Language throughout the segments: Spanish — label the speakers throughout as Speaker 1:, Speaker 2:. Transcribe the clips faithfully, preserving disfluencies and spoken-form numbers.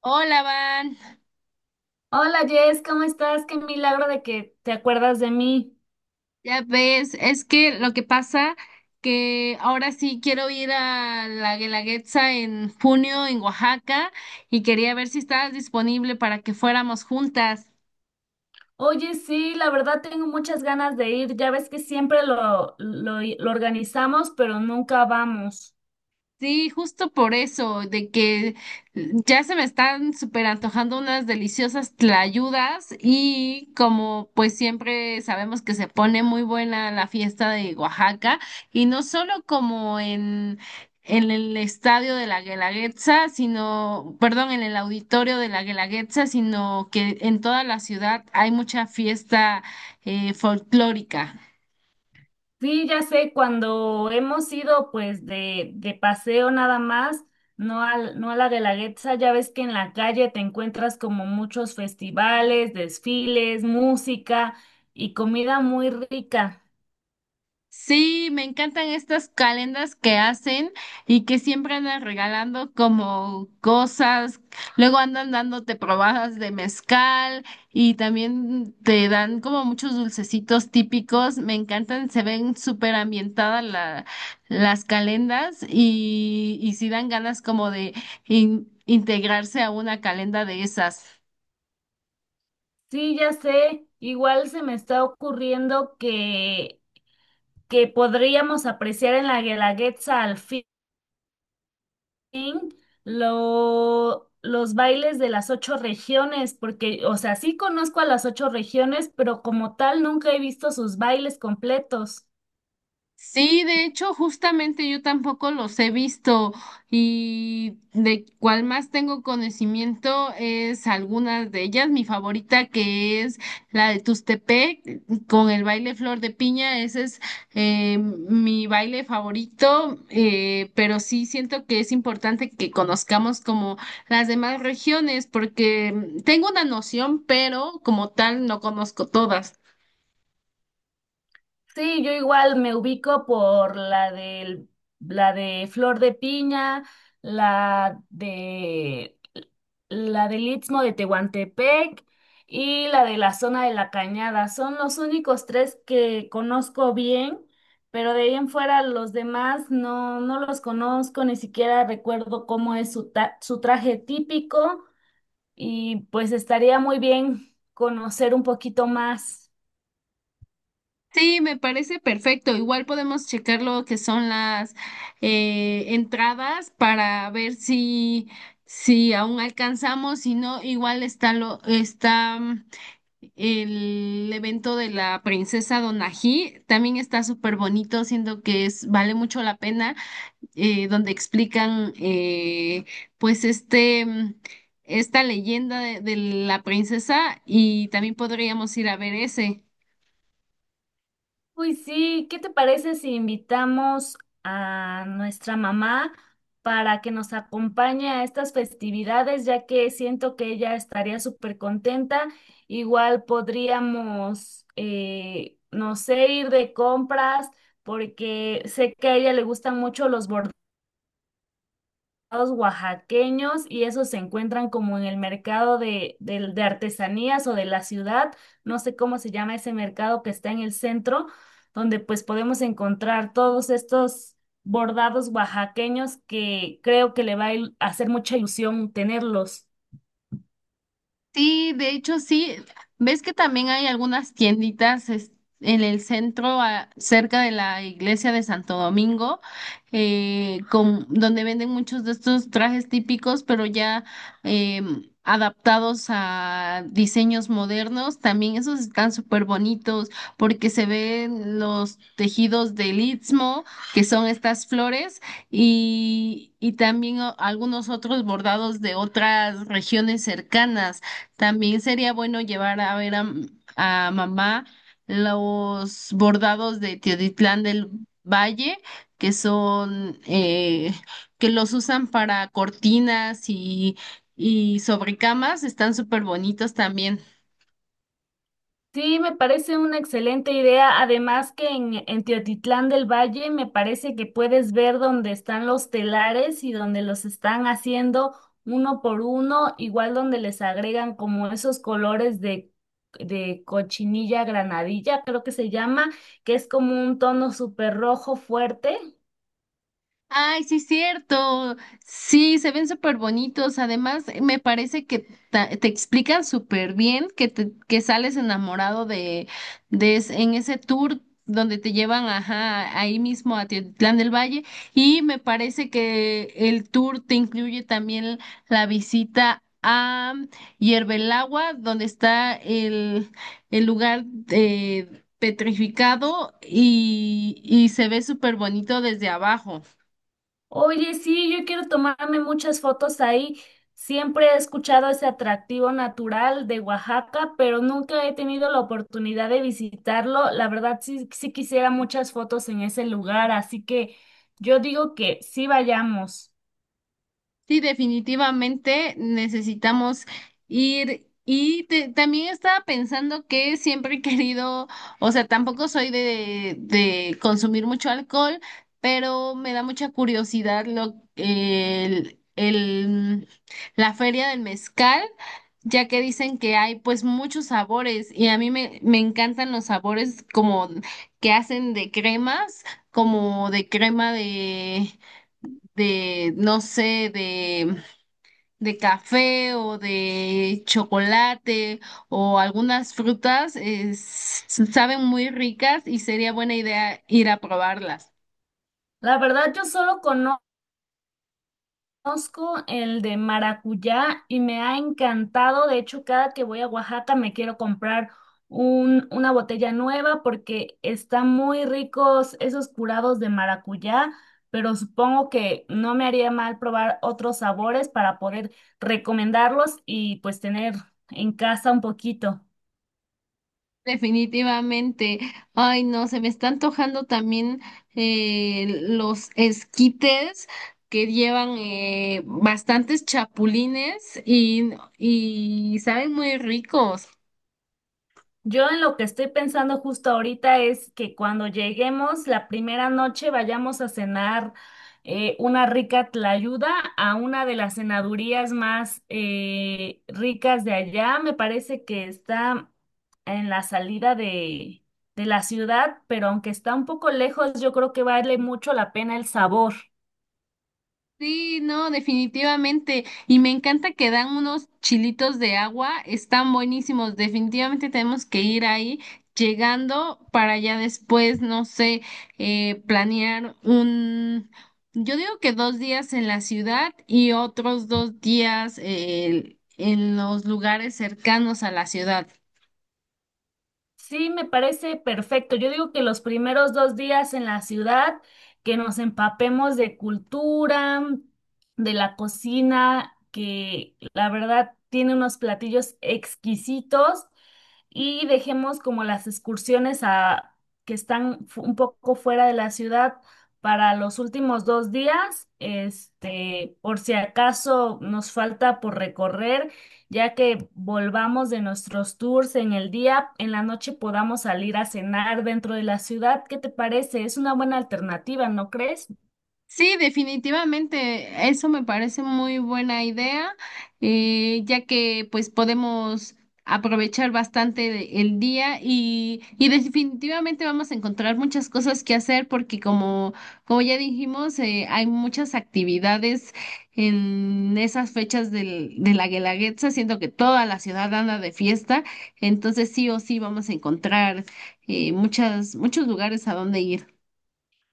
Speaker 1: Hola, Van.
Speaker 2: Hola Jess, ¿cómo estás? Qué milagro de que te acuerdas de mí.
Speaker 1: Ya ves, es que lo que pasa que ahora sí quiero ir a la Guelaguetza en junio en Oaxaca y quería ver si estabas disponible para que fuéramos juntas.
Speaker 2: Oye, sí, la verdad tengo muchas ganas de ir. Ya ves que siempre lo, lo, lo organizamos, pero nunca vamos.
Speaker 1: Sí, justo por eso, de que ya se me están súper antojando unas deliciosas tlayudas y como pues siempre sabemos que se pone muy buena la fiesta de Oaxaca y no solo como en, en el estadio de la Guelaguetza, sino, perdón, en el auditorio de la Guelaguetza, sino que en toda la ciudad hay mucha fiesta eh, folclórica.
Speaker 2: Sí, ya sé, cuando hemos ido pues de, de paseo nada más, no al, no a la Guelaguetza, ya ves que en la calle te encuentras como muchos festivales, desfiles, música y comida muy rica.
Speaker 1: Sí, me encantan estas calendas que hacen y que siempre andan regalando como cosas, luego andan dándote probadas de mezcal y también te dan como muchos dulcecitos típicos, me encantan, se ven súper ambientadas la- las calendas y, y sí dan ganas como de in- integrarse a una calenda de esas.
Speaker 2: Sí, ya sé. Igual se me está ocurriendo que que podríamos apreciar en la Guelaguetza al fin lo- los bailes de las ocho regiones, porque, o sea, sí conozco a las ocho regiones, pero como tal nunca he visto sus bailes completos.
Speaker 1: Sí, de hecho, justamente yo tampoco los he visto y de cuál más tengo conocimiento es algunas de ellas. Mi favorita que es la de Tustepec con el baile Flor de Piña, ese es eh, mi baile favorito, eh, pero sí siento que es importante que conozcamos como las demás regiones porque mm, tengo una noción, pero como tal no conozco todas.
Speaker 2: Sí, yo igual me ubico por la del, la de Flor de Piña, la de la del Istmo de Tehuantepec y la de la zona de la Cañada. Son los únicos tres que conozco bien, pero de ahí en fuera los demás no, no los conozco, ni siquiera recuerdo cómo es su, ta- su traje típico y pues estaría muy bien conocer un poquito más.
Speaker 1: Sí, me parece perfecto. Igual podemos checar lo que son las eh, entradas para ver si, si aún alcanzamos, si no, igual está lo, está mm, el evento de la princesa Donají, también está súper bonito, siento que es, vale mucho la pena, eh, donde explican eh, pues este mm, esta leyenda de de la princesa, y también podríamos ir a ver ese.
Speaker 2: Uy, sí, ¿qué te parece si invitamos a nuestra mamá para que nos acompañe a estas festividades, ya que siento que ella estaría súper contenta? Igual podríamos, eh, no sé, ir de compras, porque sé que a ella le gustan mucho los bordados oaxaqueños y esos se encuentran como en el mercado de, del- de artesanías o de la ciudad, no sé cómo se llama ese mercado que está en el centro, donde pues podemos encontrar todos estos bordados oaxaqueños que creo que le va a il- hacer mucha ilusión tenerlos.
Speaker 1: Sí, de hecho sí. ¿Ves que también hay algunas tienditas es- en el centro, a- cerca de la iglesia de Santo Domingo, eh, con, donde venden muchos de estos trajes típicos, pero ya em, adaptados a diseños modernos? También esos están súper bonitos porque se ven los tejidos del Istmo, que son estas flores y, y también o- algunos otros bordados de otras regiones cercanas. También sería bueno llevar a ver a, m- a mamá los bordados de Teotitlán del Valle, que son, eh, que los usan para cortinas y, y sobrecamas, están súper bonitos también.
Speaker 2: Sí, me parece una excelente idea. Además que en, en Teotitlán del Valle me parece que puedes ver dónde están los telares y donde los están haciendo uno por uno, igual donde les agregan como esos colores de, de cochinilla granadilla, creo que se llama, que es como un tono súper rojo fuerte.
Speaker 1: Ay, sí, cierto. Sí, se ven súper bonitos. Además, me parece que ta- te explican súper bien que, te, que sales enamorado de, de es- en ese tour donde te llevan, ajá, ahí mismo a Teotitlán del Valle. Y me parece que el tour te incluye también la visita a Hierbelagua, donde está el, el lugar eh, petrificado y, y se ve súper bonito desde abajo.
Speaker 2: Oye, sí, yo quiero tomarme muchas fotos ahí. Siempre he escuchado ese atractivo natural de Oaxaca, pero nunca he tenido la oportunidad de visitarlo. La verdad, sí, sí quisiera muchas fotos en ese lugar, así que yo digo que sí vayamos.
Speaker 1: Sí, definitivamente necesitamos ir. Y te- también estaba pensando que siempre he querido, o sea, tampoco soy de, de consumir mucho alcohol, pero me da mucha curiosidad lo, el, el, la feria del mezcal, ya que dicen que hay pues muchos sabores y a mí me, me encantan los sabores como que hacen de cremas, como de crema de de, no sé, de, de café o de chocolate o algunas frutas, es- saben muy ricas y sería buena idea ir a probarlas.
Speaker 2: La verdad, yo solo conozco Conozco el de maracuyá y me ha encantado. De hecho, cada que voy a Oaxaca me quiero comprar un, una botella nueva porque están muy ricos esos curados de maracuyá, pero supongo que no me haría mal probar otros sabores para poder recomendarlos y pues tener en casa un poquito.
Speaker 1: Definitivamente. Ay, no, se me está antojando también eh, los esquites que llevan eh, bastantes chapulines y, y saben muy ricos.
Speaker 2: Yo en lo que estoy pensando justo ahorita es que cuando lleguemos la primera noche vayamos a cenar eh, una rica tlayuda a una de las cenadurías más eh, ricas de allá. Me parece que está en la salida de, de la ciudad, pero aunque está un poco lejos, yo creo que vale mucho la pena el sabor.
Speaker 1: Sí, no, definitivamente. Y me encanta que dan unos chilitos de agua, están buenísimos. Definitivamente tenemos que ir ahí llegando para ya después, no sé, eh, planear un, yo digo que dos días en la ciudad y otros dos días eh, en los lugares cercanos a la ciudad.
Speaker 2: Sí, me parece perfecto. Yo digo que los primeros dos días en la ciudad, que nos empapemos de cultura, de la cocina, que la verdad tiene unos platillos exquisitos y dejemos como las excursiones a que están fu- un poco fuera de la ciudad para los últimos dos días, este, por si acaso nos falta por recorrer ya que volvamos de nuestros tours en el día, en la noche podamos salir a cenar dentro de la ciudad. ¿Qué te parece? Es una buena alternativa, ¿no crees?
Speaker 1: Sí, definitivamente, eso me parece muy buena idea, eh, ya que pues podemos aprovechar bastante de- el día y, y definitivamente vamos a encontrar muchas cosas que hacer porque como, como ya dijimos, eh, hay muchas actividades en esas fechas del, de la Guelaguetza, siendo que toda la ciudad anda de fiesta, entonces sí o sí vamos a encontrar eh, muchas, muchos lugares a donde ir.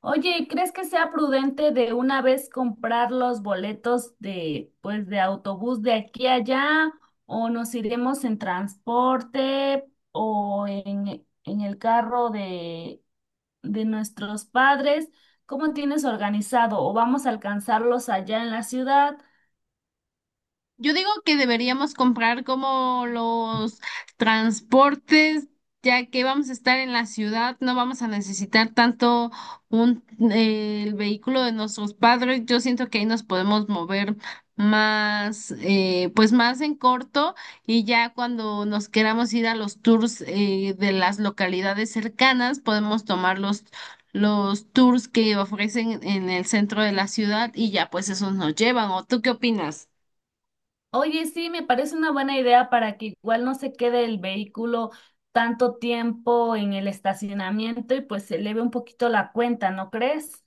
Speaker 2: Oye, ¿y ¿crees que sea prudente de una vez comprar los boletos de, pues, de autobús de aquí a allá? ¿O nos iremos en transporte o en, en el carro de, de nuestros padres? ¿Cómo tienes organizado? ¿O vamos a alcanzarlos allá en la ciudad?
Speaker 1: Yo digo que deberíamos comprar como los transportes, ya que vamos a estar en la ciudad, no vamos a necesitar tanto un, eh, el vehículo de nuestros padres. Yo siento que ahí nos podemos mover más, eh, pues más en corto y ya cuando nos queramos ir a los tours eh, de las localidades cercanas, podemos tomar los, los tours que ofrecen en el centro de la ciudad y ya pues esos nos llevan. ¿O tú qué opinas?
Speaker 2: Oye, sí, me parece una buena idea para que igual no se quede el vehículo tanto tiempo en el estacionamiento y pues se eleve un poquito la cuenta, ¿no crees?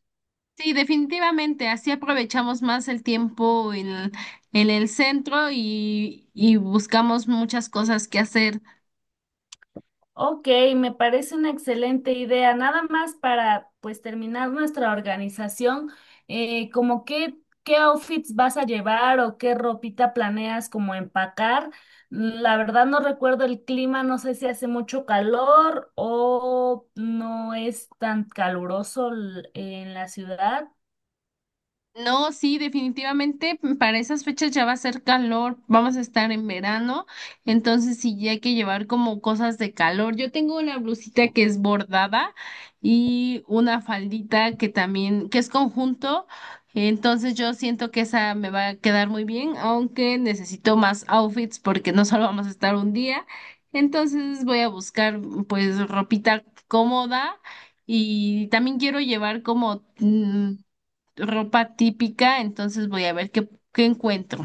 Speaker 1: Sí, definitivamente, así aprovechamos más el tiempo en, en el centro y, y buscamos muchas cosas que hacer.
Speaker 2: Ok, me parece una excelente idea. Nada más para pues terminar nuestra organización, eh, como qué, qué outfits vas a llevar o qué ropita planeas como empacar. La verdad no recuerdo el clima, no sé si hace mucho calor o no es tan caluroso l- en la ciudad.
Speaker 1: No, sí, definitivamente para esas fechas ya va a ser calor, vamos a estar en verano, entonces sí ya hay que llevar como cosas de calor. Yo tengo una blusita que es bordada y una faldita que también, que es conjunto, entonces yo siento que esa me va a quedar muy bien, aunque necesito más outfits porque no solo vamos a estar un día, entonces voy a buscar pues ropita cómoda y también quiero llevar como... mm, ropa típica, entonces voy a ver qué, qué encuentro.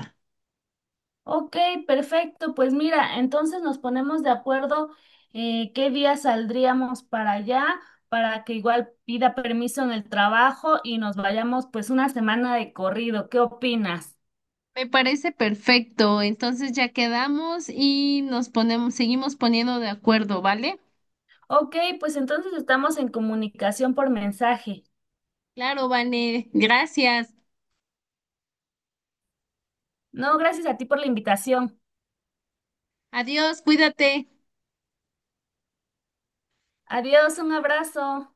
Speaker 2: Ok, perfecto. Pues mira, entonces nos ponemos de acuerdo eh, qué día saldríamos para allá, para que igual pida permiso en el trabajo y nos vayamos pues una semana de corrido. ¿Qué opinas?
Speaker 1: Me parece perfecto, entonces ya quedamos y nos ponemos, seguimos poniendo de acuerdo, ¿vale?
Speaker 2: Ok, pues entonces estamos en comunicación por mensaje.
Speaker 1: Claro, Vane, gracias.
Speaker 2: No, gracias a ti por la invitación.
Speaker 1: Adiós, cuídate.
Speaker 2: Adiós, un abrazo.